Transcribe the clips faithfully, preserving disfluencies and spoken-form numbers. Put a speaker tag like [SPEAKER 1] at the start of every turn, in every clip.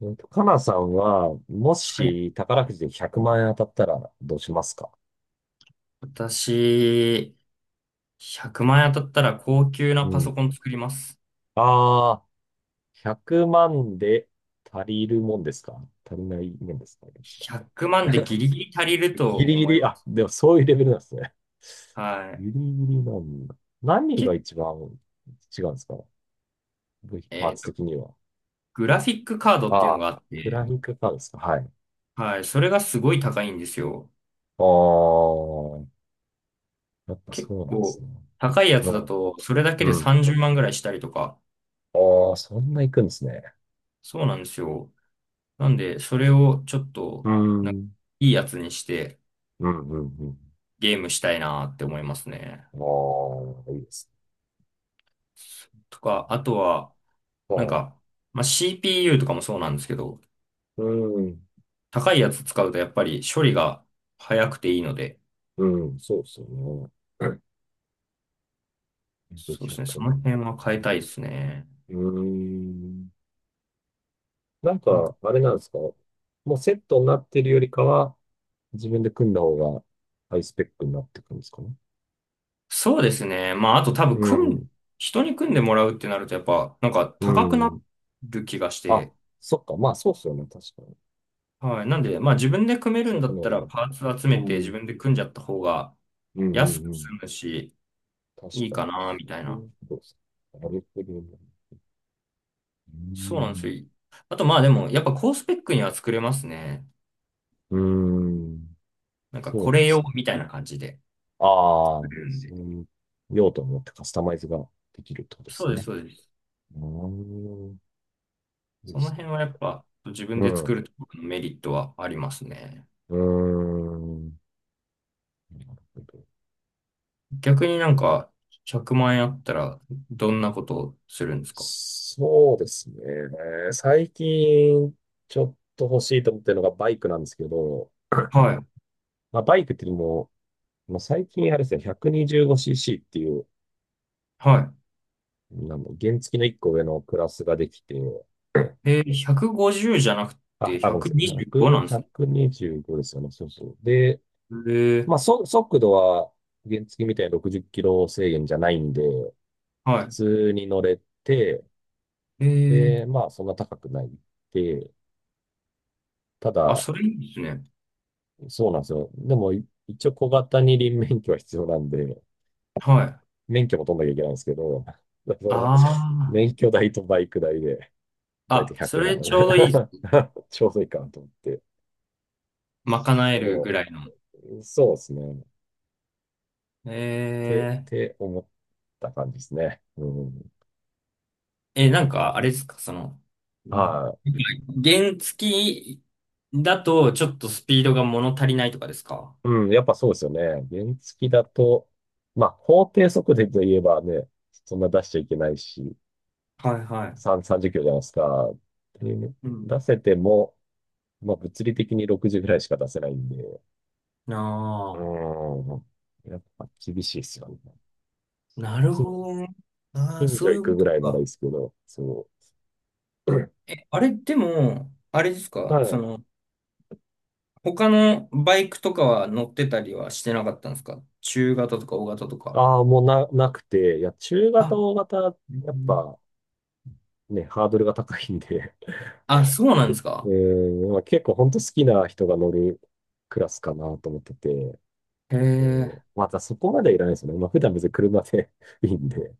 [SPEAKER 1] うんとかなさんは、も
[SPEAKER 2] はい。
[SPEAKER 1] し宝くじでひゃくまん円当たったらどうしますか？
[SPEAKER 2] 私、ひゃくまん円当たったら高級
[SPEAKER 1] う
[SPEAKER 2] なパソ
[SPEAKER 1] ん。
[SPEAKER 2] コン作ります。
[SPEAKER 1] ああ、ひゃくまんで足りるもんですか？足りないもんですか？
[SPEAKER 2] ひゃくまんでギリギリ足りると
[SPEAKER 1] ギリギ
[SPEAKER 2] 思い
[SPEAKER 1] リ、
[SPEAKER 2] ま
[SPEAKER 1] あ、
[SPEAKER 2] す。
[SPEAKER 1] でもそういうレベルなんですね。
[SPEAKER 2] は
[SPEAKER 1] ギ
[SPEAKER 2] い。
[SPEAKER 1] リギリなんだ。何
[SPEAKER 2] け、
[SPEAKER 1] が一番違うんですか？部品パ
[SPEAKER 2] え
[SPEAKER 1] ー
[SPEAKER 2] っ
[SPEAKER 1] ツ
[SPEAKER 2] と、
[SPEAKER 1] 的には。
[SPEAKER 2] グラフィックカード
[SPEAKER 1] あ
[SPEAKER 2] っていうの
[SPEAKER 1] あ、
[SPEAKER 2] があっ
[SPEAKER 1] クラ
[SPEAKER 2] て、
[SPEAKER 1] ニックカーですか？はい。
[SPEAKER 2] はい。それがすごい高いんですよ。
[SPEAKER 1] ああ、やっぱ
[SPEAKER 2] 結
[SPEAKER 1] そうなんです
[SPEAKER 2] 構、
[SPEAKER 1] ね。
[SPEAKER 2] 高いや
[SPEAKER 1] う
[SPEAKER 2] つだ
[SPEAKER 1] ん、
[SPEAKER 2] と、それだけ
[SPEAKER 1] う
[SPEAKER 2] で
[SPEAKER 1] ん。
[SPEAKER 2] さんじゅうまんぐらいしたりとか、
[SPEAKER 1] ああ、そんな行くんですね。
[SPEAKER 2] そうなんですよ。なんで、それをちょっ
[SPEAKER 1] う
[SPEAKER 2] と、
[SPEAKER 1] ん、
[SPEAKER 2] なん
[SPEAKER 1] う
[SPEAKER 2] か
[SPEAKER 1] ん、
[SPEAKER 2] いいやつにして
[SPEAKER 1] うん、うん。
[SPEAKER 2] ゲームしたいなって思いますね。
[SPEAKER 1] ああ、いいです
[SPEAKER 2] とか、あとは、
[SPEAKER 1] ね。
[SPEAKER 2] なん
[SPEAKER 1] はい。
[SPEAKER 2] か、まあ、シーピーユー とかもそうなんですけど、
[SPEAKER 1] うん。
[SPEAKER 2] 高いやつ使うとやっぱり処理が早くていいので、
[SPEAKER 1] うん、そうですよね。
[SPEAKER 2] そうですね、そ
[SPEAKER 1] 万。
[SPEAKER 2] の辺は変えたいですね。
[SPEAKER 1] うーん。なん
[SPEAKER 2] なん
[SPEAKER 1] か、
[SPEAKER 2] か、
[SPEAKER 1] あれなんですか？もうセットになってるよりかは、自分で組んだ方がハイスペックになってくるんですかね？
[SPEAKER 2] そうですね。まあ、あと多分、
[SPEAKER 1] う
[SPEAKER 2] 組ん、
[SPEAKER 1] ん。
[SPEAKER 2] 人に組んでもらうってなると、やっぱ、なんか
[SPEAKER 1] う
[SPEAKER 2] 高くな
[SPEAKER 1] ん。
[SPEAKER 2] る気がし
[SPEAKER 1] あ、
[SPEAKER 2] て、
[SPEAKER 1] そっか。まあ、そうっすよね。確かに。
[SPEAKER 2] はい。なんで、まあ、自分で組める
[SPEAKER 1] 最
[SPEAKER 2] んだ
[SPEAKER 1] 後
[SPEAKER 2] ったら、
[SPEAKER 1] の
[SPEAKER 2] パーツ集
[SPEAKER 1] う
[SPEAKER 2] め
[SPEAKER 1] う
[SPEAKER 2] て自
[SPEAKER 1] ん。
[SPEAKER 2] 分で組んじゃった方が
[SPEAKER 1] うん、う
[SPEAKER 2] 安
[SPEAKER 1] ん、
[SPEAKER 2] く
[SPEAKER 1] う
[SPEAKER 2] 済
[SPEAKER 1] ん。
[SPEAKER 2] むし、
[SPEAKER 1] 確
[SPEAKER 2] いい
[SPEAKER 1] か
[SPEAKER 2] か
[SPEAKER 1] に。
[SPEAKER 2] な、み
[SPEAKER 1] そ
[SPEAKER 2] たい
[SPEAKER 1] うい
[SPEAKER 2] な。
[SPEAKER 1] うことですか？なるほどね。う
[SPEAKER 2] そうなんです
[SPEAKER 1] ん。
[SPEAKER 2] よ。あと、まあ、でも、やっぱ高スペックには作れますね。
[SPEAKER 1] うん。
[SPEAKER 2] なんか、
[SPEAKER 1] そう
[SPEAKER 2] こ
[SPEAKER 1] なん
[SPEAKER 2] れ
[SPEAKER 1] で
[SPEAKER 2] 用
[SPEAKER 1] すね。
[SPEAKER 2] みたいな感じで。
[SPEAKER 1] あ
[SPEAKER 2] う
[SPEAKER 1] あ、そう
[SPEAKER 2] ん、
[SPEAKER 1] いう用途によってカスタマイズができるってことで
[SPEAKER 2] そ
[SPEAKER 1] す
[SPEAKER 2] うです、
[SPEAKER 1] ね。
[SPEAKER 2] そうです。
[SPEAKER 1] うーん、いいで
[SPEAKER 2] その
[SPEAKER 1] すね。
[SPEAKER 2] 辺はやっぱ自分
[SPEAKER 1] う
[SPEAKER 2] で作
[SPEAKER 1] ん、
[SPEAKER 2] るとこのメリットはありますね。
[SPEAKER 1] うーん。なるほど。
[SPEAKER 2] 逆になんかひゃくまん円あったらどんなことをするんですか？
[SPEAKER 1] そうですね。最近、ちょっと欲しいと思ってるのがバイクなんですけど、
[SPEAKER 2] はい、
[SPEAKER 1] まあ、バイクっていうのも、まあ、最近あれですね、ひゃくにじゅうごシーシー っていう、
[SPEAKER 2] は
[SPEAKER 1] なんだ原付のいっこ上のクラスができて、
[SPEAKER 2] い。えー、ひゃくごじゅうじゅうじゃなく
[SPEAKER 1] あ、
[SPEAKER 2] て
[SPEAKER 1] あ、ごめんなさい。
[SPEAKER 2] ひゃくにじゅうご
[SPEAKER 1] ひゃく、
[SPEAKER 2] なんですね。
[SPEAKER 1] ひゃくにじゅうごですよね。そうそう。で、
[SPEAKER 2] えー、
[SPEAKER 1] まあ、そ、速度は原付みたいにろくじゅっキロ制限じゃないんで、普
[SPEAKER 2] は
[SPEAKER 1] 通に乗れて、
[SPEAKER 2] い。え
[SPEAKER 1] で、
[SPEAKER 2] ー、
[SPEAKER 1] まあ、そんな高くないで、た
[SPEAKER 2] あ、
[SPEAKER 1] だ、
[SPEAKER 2] それいいですね。
[SPEAKER 1] そうなんですよ。でも、い一応小型二輪免許は必要なんで、
[SPEAKER 2] はい。あ
[SPEAKER 1] 免許も取んなきゃいけないんですけど、その、
[SPEAKER 2] あ。
[SPEAKER 1] 免許代とバイク代で、だいた
[SPEAKER 2] あ、
[SPEAKER 1] い
[SPEAKER 2] そ
[SPEAKER 1] 100
[SPEAKER 2] れ
[SPEAKER 1] 万
[SPEAKER 2] ちょうどいい。
[SPEAKER 1] ちょうどい いかなと思って。
[SPEAKER 2] 賄えるぐ
[SPEAKER 1] そ
[SPEAKER 2] らいの。
[SPEAKER 1] う、そうですね。って、っ
[SPEAKER 2] え
[SPEAKER 1] て思った感じですね。うん。
[SPEAKER 2] え、なんか、あれですか、その、うん、
[SPEAKER 1] はい。
[SPEAKER 2] 原付きだとちょっとスピードが物足りないとかですか？
[SPEAKER 1] うん、やっぱそうですよね。原付だと、まあ、法定速度といえばね、そんな出しちゃいけないし、
[SPEAKER 2] はいはい。
[SPEAKER 1] さん、さんじゅっキロじゃないですか。で、
[SPEAKER 2] うん。
[SPEAKER 1] 出せても、まあ、物理的にろくじゅうぐらいしか出せないんで、う
[SPEAKER 2] な
[SPEAKER 1] ん、やっぱ厳しいですよね。
[SPEAKER 2] あ、
[SPEAKER 1] そう
[SPEAKER 2] なる
[SPEAKER 1] 近、
[SPEAKER 2] ほどね。ああ、
[SPEAKER 1] 近
[SPEAKER 2] そ
[SPEAKER 1] 所
[SPEAKER 2] うい
[SPEAKER 1] 行
[SPEAKER 2] うこ
[SPEAKER 1] くぐ
[SPEAKER 2] と
[SPEAKER 1] らいならいい
[SPEAKER 2] か。
[SPEAKER 1] ですけど、そう。
[SPEAKER 2] え、あれでも、あれです
[SPEAKER 1] た
[SPEAKER 2] かそ
[SPEAKER 1] だ、
[SPEAKER 2] の、他のバイクとかは乗ってたりはしてなかったんですか？中型とか大型とか。
[SPEAKER 1] ああ、もうな、なくて、いや、中型、
[SPEAKER 2] あ、
[SPEAKER 1] 大型、
[SPEAKER 2] う
[SPEAKER 1] やっ
[SPEAKER 2] ん、
[SPEAKER 1] ぱね、ハードルが高いんで、
[SPEAKER 2] あ、そうなんです
[SPEAKER 1] え
[SPEAKER 2] か？
[SPEAKER 1] ー、まあ、結構本当好きな人が乗るクラスかなと思ってて、
[SPEAKER 2] へ
[SPEAKER 1] うん
[SPEAKER 2] え、
[SPEAKER 1] またそこまでいらないですよね。まあ、普段別に車で いいんで、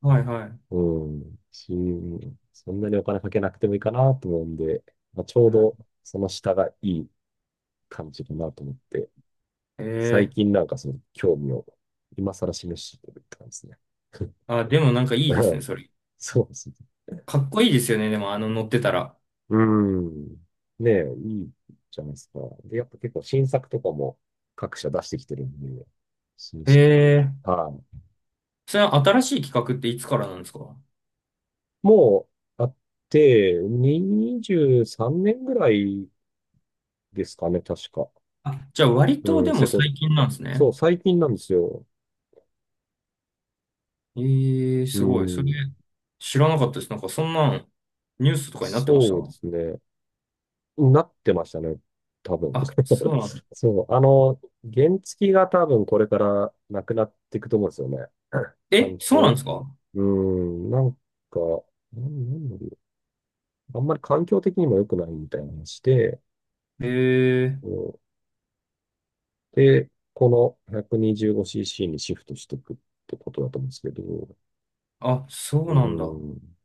[SPEAKER 2] はいはい。
[SPEAKER 1] うん、し、そんなにお金かけなくてもいいかなと思うんで、まあ、ちょう
[SPEAKER 2] なる
[SPEAKER 1] どその下がいい感じかなと思って、
[SPEAKER 2] へ
[SPEAKER 1] 最
[SPEAKER 2] え、
[SPEAKER 1] 近なんかその興味を今更示してるって感じですね。
[SPEAKER 2] あ、でもなんか いいで
[SPEAKER 1] う
[SPEAKER 2] すね、
[SPEAKER 1] ん
[SPEAKER 2] それ。
[SPEAKER 1] そうですね
[SPEAKER 2] かっこいいですよね、でもあの乗ってたら。
[SPEAKER 1] うん。ねえ、いいじゃないですか。で、やっぱ結構新作とかも各社出してきてるんで、新
[SPEAKER 2] へ
[SPEAKER 1] 車か。
[SPEAKER 2] え。
[SPEAKER 1] はい。
[SPEAKER 2] それは新しい企画っていつからなんですか？
[SPEAKER 1] もうあって、にじゅうさんねんぐらいですかね、確か。
[SPEAKER 2] あ、じゃあ割と
[SPEAKER 1] う
[SPEAKER 2] で
[SPEAKER 1] ん、
[SPEAKER 2] も
[SPEAKER 1] セコ、
[SPEAKER 2] 最近なんですね。
[SPEAKER 1] そう、最近なんですよ。
[SPEAKER 2] ええ、
[SPEAKER 1] う
[SPEAKER 2] すごい。それ
[SPEAKER 1] ん、
[SPEAKER 2] 知らなかったです。なんかそんなんニュースとかになってました。
[SPEAKER 1] そうですね。なってましたね、多分。
[SPEAKER 2] あ、そ うなんだ。
[SPEAKER 1] そう、あの、原付が多分これからなくなっていくと思うんですよね。
[SPEAKER 2] え、
[SPEAKER 1] 環
[SPEAKER 2] そうなん
[SPEAKER 1] 境、
[SPEAKER 2] ですか？
[SPEAKER 1] うん、なんか、なんなんだろう。あんまり環境的にも良くないみたいな話で、
[SPEAKER 2] へ
[SPEAKER 1] う
[SPEAKER 2] え、
[SPEAKER 1] んで、この ひゃくにじゅうごシーシー にじゅうごシーシーにシフトしていくってことだと思うんですけど、
[SPEAKER 2] あ、そ
[SPEAKER 1] う
[SPEAKER 2] うなんだ。
[SPEAKER 1] ん、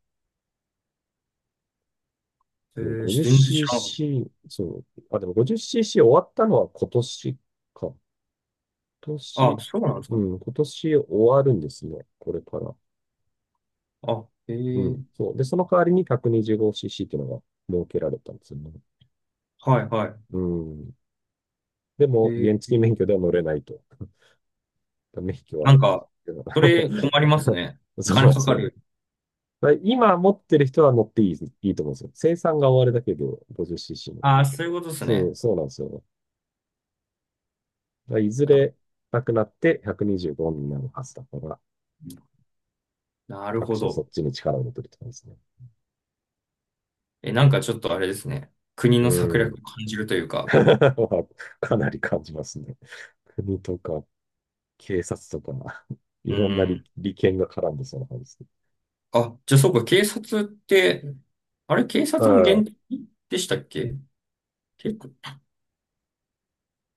[SPEAKER 2] え
[SPEAKER 1] そう
[SPEAKER 2] え、全然知らなかっ
[SPEAKER 1] ごじゅっシーシー、そう、あ、でも ごじゅっシーシー 終わったのは今年か。今
[SPEAKER 2] た。あ、
[SPEAKER 1] 年、
[SPEAKER 2] そうなんです
[SPEAKER 1] う
[SPEAKER 2] か？
[SPEAKER 1] ん、今年終わるんですね。これから。
[SPEAKER 2] あ、え
[SPEAKER 1] う
[SPEAKER 2] え、
[SPEAKER 1] ん、そう。で、その代わりに ひゃくにじゅうごシーシー っていうのが設けられたんですよね。
[SPEAKER 2] はいは
[SPEAKER 1] うん。で
[SPEAKER 2] い。
[SPEAKER 1] も、
[SPEAKER 2] ええ、
[SPEAKER 1] 原付免許では乗れないと。ダメ引き
[SPEAKER 2] な
[SPEAKER 1] は。
[SPEAKER 2] んか、それ困ります ね。お
[SPEAKER 1] そうなん
[SPEAKER 2] 金
[SPEAKER 1] で
[SPEAKER 2] か
[SPEAKER 1] す
[SPEAKER 2] か
[SPEAKER 1] よ。
[SPEAKER 2] る。
[SPEAKER 1] だから今持ってる人は乗っていい、いいと思うんですよ。生産が終わるだけで ごじゅっシーシー の。
[SPEAKER 2] ああ、そういうことです
[SPEAKER 1] そう、
[SPEAKER 2] ね。
[SPEAKER 1] そうなんですよ。だからいずれ
[SPEAKER 2] あ、
[SPEAKER 1] なくなってひゃくにじゅうごにじゅうごになるはずだから、
[SPEAKER 2] なる
[SPEAKER 1] 各
[SPEAKER 2] ほ
[SPEAKER 1] 社そ
[SPEAKER 2] ど。
[SPEAKER 1] っちに力を入てるって感じですね。
[SPEAKER 2] え、なんかちょっとあれですね。国
[SPEAKER 1] う
[SPEAKER 2] の策
[SPEAKER 1] ー
[SPEAKER 2] 略を
[SPEAKER 1] ん。
[SPEAKER 2] 感じるというか。
[SPEAKER 1] かなり感じますね。国とか警察とか、い
[SPEAKER 2] う
[SPEAKER 1] ろんな利、
[SPEAKER 2] ん。
[SPEAKER 1] 利権が絡んでそうな感じですね。
[SPEAKER 2] あ、じゃあそうか、警察って、あれ、警
[SPEAKER 1] う
[SPEAKER 2] 察も
[SPEAKER 1] ん。
[SPEAKER 2] 現役でしたっけ？結構。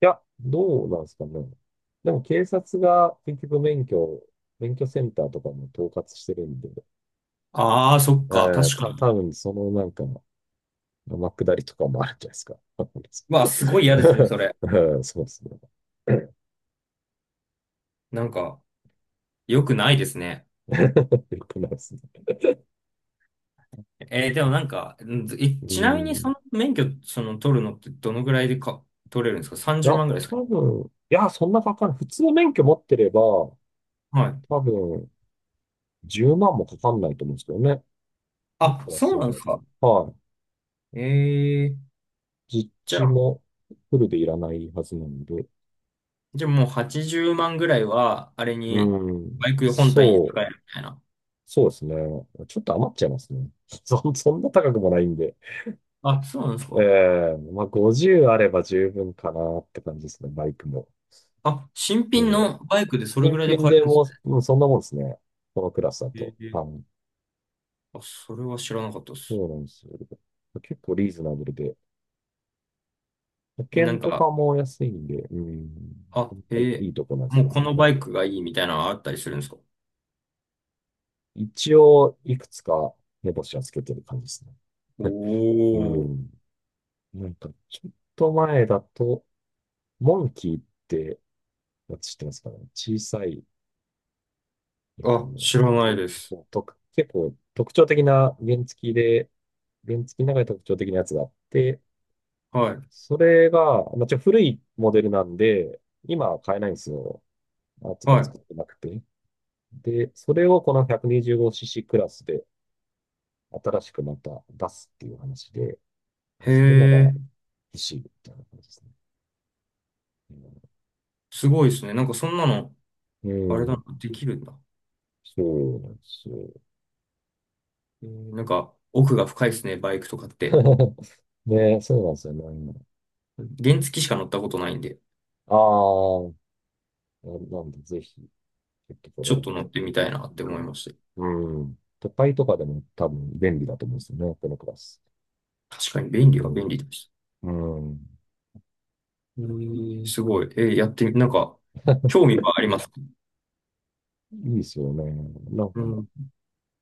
[SPEAKER 1] いや、どうなんですかね。でも警察が結局免許、免許センターとかも統括してるんで、
[SPEAKER 2] ああ、そっ
[SPEAKER 1] え
[SPEAKER 2] か、
[SPEAKER 1] ー、
[SPEAKER 2] 確
[SPEAKER 1] た、
[SPEAKER 2] かに。
[SPEAKER 1] 多分そのなんか、天下りとかもあるんじゃないですか？わかんないです
[SPEAKER 2] うわ、すごい嫌ですね、それ。
[SPEAKER 1] うんそうですね。
[SPEAKER 2] なんか、良くないですね。
[SPEAKER 1] よくないですね。
[SPEAKER 2] えーでもなんか、んえ、
[SPEAKER 1] う
[SPEAKER 2] ちなみにそ
[SPEAKER 1] ん。
[SPEAKER 2] の免許、その取るのってどのぐらいでか、取れるんですか？
[SPEAKER 1] いや、
[SPEAKER 2] さんじゅう 万ぐらいですか？
[SPEAKER 1] 多分、いや、そんなかかんない。普通の免許持ってれば、
[SPEAKER 2] はい。
[SPEAKER 1] 多分、じゅうまんもかかんないと思うんですけどね。もっ
[SPEAKER 2] あ、
[SPEAKER 1] と安
[SPEAKER 2] そう
[SPEAKER 1] いん
[SPEAKER 2] な
[SPEAKER 1] じ
[SPEAKER 2] んで
[SPEAKER 1] ゃな
[SPEAKER 2] す
[SPEAKER 1] いか
[SPEAKER 2] か。
[SPEAKER 1] な。はい。
[SPEAKER 2] えー、
[SPEAKER 1] 実
[SPEAKER 2] じゃ
[SPEAKER 1] 地
[SPEAKER 2] あ
[SPEAKER 1] もフルでいらないはずなんで。
[SPEAKER 2] じゃあもうはちじゅうまんぐらいは、あれ
[SPEAKER 1] う
[SPEAKER 2] に、
[SPEAKER 1] ん。
[SPEAKER 2] バイク本体に
[SPEAKER 1] そ
[SPEAKER 2] 使
[SPEAKER 1] う。
[SPEAKER 2] えるみたいな。
[SPEAKER 1] そうですね。ちょっと余っちゃいますね。そん、そんな高くもないんで。
[SPEAKER 2] あ、そうなんです
[SPEAKER 1] え
[SPEAKER 2] か。
[SPEAKER 1] えまあごじゅうあれば十分かなって感じですね、バイクも。
[SPEAKER 2] あ、新品
[SPEAKER 1] も
[SPEAKER 2] のバイクでそ
[SPEAKER 1] う、
[SPEAKER 2] れぐ
[SPEAKER 1] 新
[SPEAKER 2] らいで
[SPEAKER 1] 品
[SPEAKER 2] 買える
[SPEAKER 1] で
[SPEAKER 2] んです
[SPEAKER 1] も
[SPEAKER 2] ね。
[SPEAKER 1] う、うんそんなもんですね。このクラスだと。
[SPEAKER 2] ええ、
[SPEAKER 1] はい。
[SPEAKER 2] あ、それは知らなかったです。
[SPEAKER 1] そうなんですよ。結構リーズナブルで。保
[SPEAKER 2] え、な
[SPEAKER 1] 険
[SPEAKER 2] ん
[SPEAKER 1] とか
[SPEAKER 2] か、
[SPEAKER 1] も安いんで、うん、なか
[SPEAKER 2] あ、
[SPEAKER 1] なか
[SPEAKER 2] え
[SPEAKER 1] い
[SPEAKER 2] え、
[SPEAKER 1] いとこなんです
[SPEAKER 2] も
[SPEAKER 1] よ
[SPEAKER 2] うこ
[SPEAKER 1] ね。
[SPEAKER 2] の
[SPEAKER 1] はい
[SPEAKER 2] バイクがいいみたいなのあったりするんですか？
[SPEAKER 1] 一応、いくつか目星はつけてる感じです
[SPEAKER 2] お
[SPEAKER 1] ね。う
[SPEAKER 2] お
[SPEAKER 1] ん。なんか、ちょっと前だと、モンキーって私知ってますかね？小さい、なん
[SPEAKER 2] ー、
[SPEAKER 1] か
[SPEAKER 2] あ、
[SPEAKER 1] も
[SPEAKER 2] 知らないです。
[SPEAKER 1] う、とと結構特徴的な原付きで、原付きの中で特徴的なやつがあって、
[SPEAKER 2] はい。
[SPEAKER 1] それが、まあ、ちょ、古いモデルなんで、今は買えないんですよ。まあつが
[SPEAKER 2] は
[SPEAKER 1] 作ってなくて。で、それをこの ひゃくにじゅうごシーシー クラスで新しくまた出すっていう話で、
[SPEAKER 2] い。へ
[SPEAKER 1] それなら
[SPEAKER 2] え、
[SPEAKER 1] 欲しいみたいな感じですね。
[SPEAKER 2] すごいですね。なんかそんなの、
[SPEAKER 1] う
[SPEAKER 2] あ
[SPEAKER 1] ん、う
[SPEAKER 2] れだな、
[SPEAKER 1] ん
[SPEAKER 2] できるんだ。
[SPEAKER 1] そうなんですよ。
[SPEAKER 2] えー、なんか、奥が深いですね、バイクとかって。
[SPEAKER 1] ね、そうなんですよね。
[SPEAKER 2] 原付しか乗ったことないんで。
[SPEAKER 1] ああ、なんで、ぜひ、ちょっとこれ
[SPEAKER 2] ちょ
[SPEAKER 1] は
[SPEAKER 2] っと乗ってみたいな
[SPEAKER 1] い
[SPEAKER 2] っ
[SPEAKER 1] い
[SPEAKER 2] て
[SPEAKER 1] か
[SPEAKER 2] 思い
[SPEAKER 1] も。
[SPEAKER 2] まし
[SPEAKER 1] うん。都会とかでも多分便利だと思うんですよね、このクラス。
[SPEAKER 2] た。確かに便
[SPEAKER 1] う
[SPEAKER 2] 利は便
[SPEAKER 1] ん。
[SPEAKER 2] 利でし
[SPEAKER 1] うん。
[SPEAKER 2] た。えーすごい。えーやってみ、なんか、興味はあります。
[SPEAKER 1] いいですよね。なんか、
[SPEAKER 2] う
[SPEAKER 1] こ
[SPEAKER 2] ん。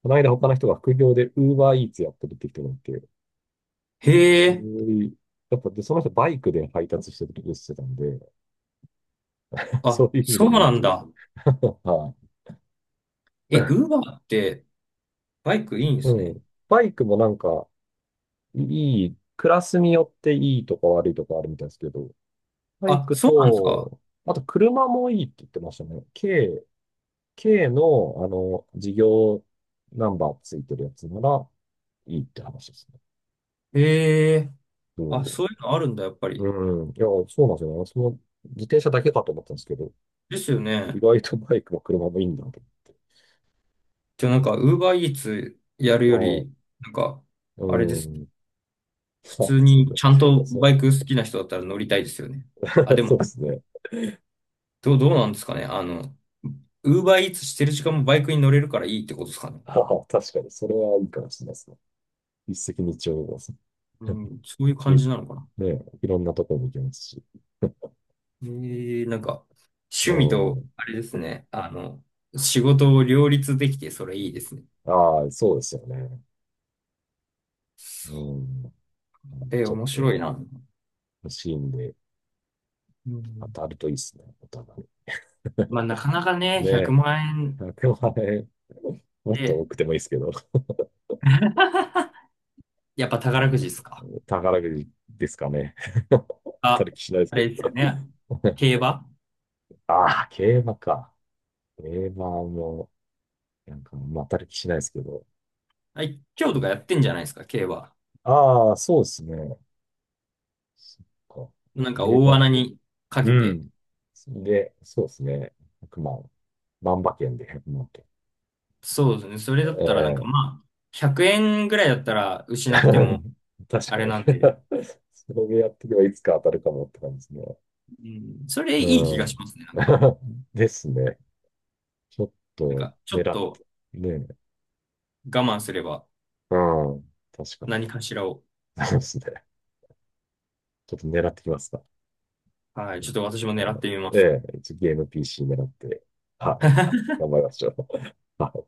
[SPEAKER 1] の間他の人が副業で UberEats やってるって人がいて、
[SPEAKER 2] へえ、
[SPEAKER 1] おいやっぱで、その人バイクで配達してるってしてたんで、そ
[SPEAKER 2] あ、
[SPEAKER 1] ういう意味で
[SPEAKER 2] そう
[SPEAKER 1] もい
[SPEAKER 2] な
[SPEAKER 1] い
[SPEAKER 2] ん
[SPEAKER 1] じ
[SPEAKER 2] だ。
[SPEAKER 1] ゃん。はい。
[SPEAKER 2] え、ウーバーってバイクいいんで
[SPEAKER 1] う
[SPEAKER 2] すね。
[SPEAKER 1] ん。バイクもなんか、いい、クラスによっていいとか悪いとかあるみたいですけど、バイ
[SPEAKER 2] あ、
[SPEAKER 1] ク
[SPEAKER 2] そうなんですか。
[SPEAKER 1] と、あと車もいいって言ってましたね。K、K の、あの、事業ナンバーついてるやつならいいって話ですね。
[SPEAKER 2] へえ、
[SPEAKER 1] う
[SPEAKER 2] あ、そういうのあるんだ、やっぱり。
[SPEAKER 1] ん。うん。いや、そうなんですよね。私も自転車だけかと思ったんですけど、
[SPEAKER 2] ですよ
[SPEAKER 1] 意
[SPEAKER 2] ね。
[SPEAKER 1] 外とバイクも車もいいんだと
[SPEAKER 2] じゃあなんか、ウーバーイーツやるよ
[SPEAKER 1] 思っ
[SPEAKER 2] り、
[SPEAKER 1] て。
[SPEAKER 2] なんか、
[SPEAKER 1] はい。
[SPEAKER 2] あれで
[SPEAKER 1] う
[SPEAKER 2] すね。
[SPEAKER 1] ん。あ、
[SPEAKER 2] 普通
[SPEAKER 1] そう
[SPEAKER 2] に
[SPEAKER 1] だ。
[SPEAKER 2] ちゃんと
[SPEAKER 1] そう、
[SPEAKER 2] バイク好きな人だったら乗りたいですよね。あ、でも
[SPEAKER 1] そうですね。
[SPEAKER 2] どう、どうなんですかね。あの、ウーバーイーツしてる時間もバイクに乗れるからいいってことですかね。
[SPEAKER 1] ああ、確かに、それはいいかもしれないですね。一石二鳥ですね。
[SPEAKER 2] うん、そういう
[SPEAKER 1] い
[SPEAKER 2] 感じなのかな。
[SPEAKER 1] ね、いろんなところに行けますし。
[SPEAKER 2] えー、なんか、趣
[SPEAKER 1] う
[SPEAKER 2] 味と、
[SPEAKER 1] ん。
[SPEAKER 2] あれですね。あの、仕事を両立できて、それいいですね。
[SPEAKER 1] ああ、そうですよね。う
[SPEAKER 2] そ
[SPEAKER 1] ん。なんで、
[SPEAKER 2] えー、
[SPEAKER 1] ちょっ
[SPEAKER 2] 面白い
[SPEAKER 1] と
[SPEAKER 2] な。
[SPEAKER 1] 欲しいんで、
[SPEAKER 2] う
[SPEAKER 1] 当
[SPEAKER 2] ん、
[SPEAKER 1] たるといいですね、お互い。
[SPEAKER 2] まあ、なかなか ね、
[SPEAKER 1] ね
[SPEAKER 2] 100
[SPEAKER 1] え、
[SPEAKER 2] 万円
[SPEAKER 1] ひゃくもっと
[SPEAKER 2] で、
[SPEAKER 1] 多くてもいいですけど、
[SPEAKER 2] やっぱ
[SPEAKER 1] う
[SPEAKER 2] 宝
[SPEAKER 1] ん
[SPEAKER 2] くじですか？
[SPEAKER 1] 宝くじですかね。当た
[SPEAKER 2] あ、
[SPEAKER 1] る気しないです
[SPEAKER 2] あ
[SPEAKER 1] け
[SPEAKER 2] れ
[SPEAKER 1] ど。
[SPEAKER 2] ですよね。競馬。
[SPEAKER 1] ああ、競馬か。競馬も、なんか、まあ、当たる気しないですけど。
[SPEAKER 2] はい、今日とかやってんじゃないですか、競馬。
[SPEAKER 1] ああ、そうですね。そっか。
[SPEAKER 2] なんか
[SPEAKER 1] 競
[SPEAKER 2] 大
[SPEAKER 1] 馬。
[SPEAKER 2] 穴にか
[SPEAKER 1] う
[SPEAKER 2] けて、
[SPEAKER 1] ん。で、そうですね。ひゃくまん。万馬券でいちまん
[SPEAKER 2] そうですね。それだ
[SPEAKER 1] え
[SPEAKER 2] ったらなんか
[SPEAKER 1] え
[SPEAKER 2] まあ、ひゃくえんぐらいだったら 失っ
[SPEAKER 1] 確
[SPEAKER 2] て
[SPEAKER 1] かに
[SPEAKER 2] も あれなんで、
[SPEAKER 1] それでやっていけばいつか当たるかもって感じですね。
[SPEAKER 2] うん、それいい気
[SPEAKER 1] う
[SPEAKER 2] がし
[SPEAKER 1] ん。
[SPEAKER 2] ますね。なんか、
[SPEAKER 1] ですね。ちょっ
[SPEAKER 2] なん
[SPEAKER 1] と
[SPEAKER 2] かちょっ
[SPEAKER 1] 狙っ
[SPEAKER 2] と
[SPEAKER 1] て、ねえ。
[SPEAKER 2] 我慢すれば
[SPEAKER 1] うん。確かに。
[SPEAKER 2] 何かしらを、
[SPEAKER 1] そうですね。ちょっと狙ってきますか？
[SPEAKER 2] はい、ちょっと私も狙ってみ
[SPEAKER 1] う
[SPEAKER 2] ま
[SPEAKER 1] んえ
[SPEAKER 2] す。
[SPEAKER 1] え、一応ゲーム ピーシー 狙って、はい。頑張りましょう。はい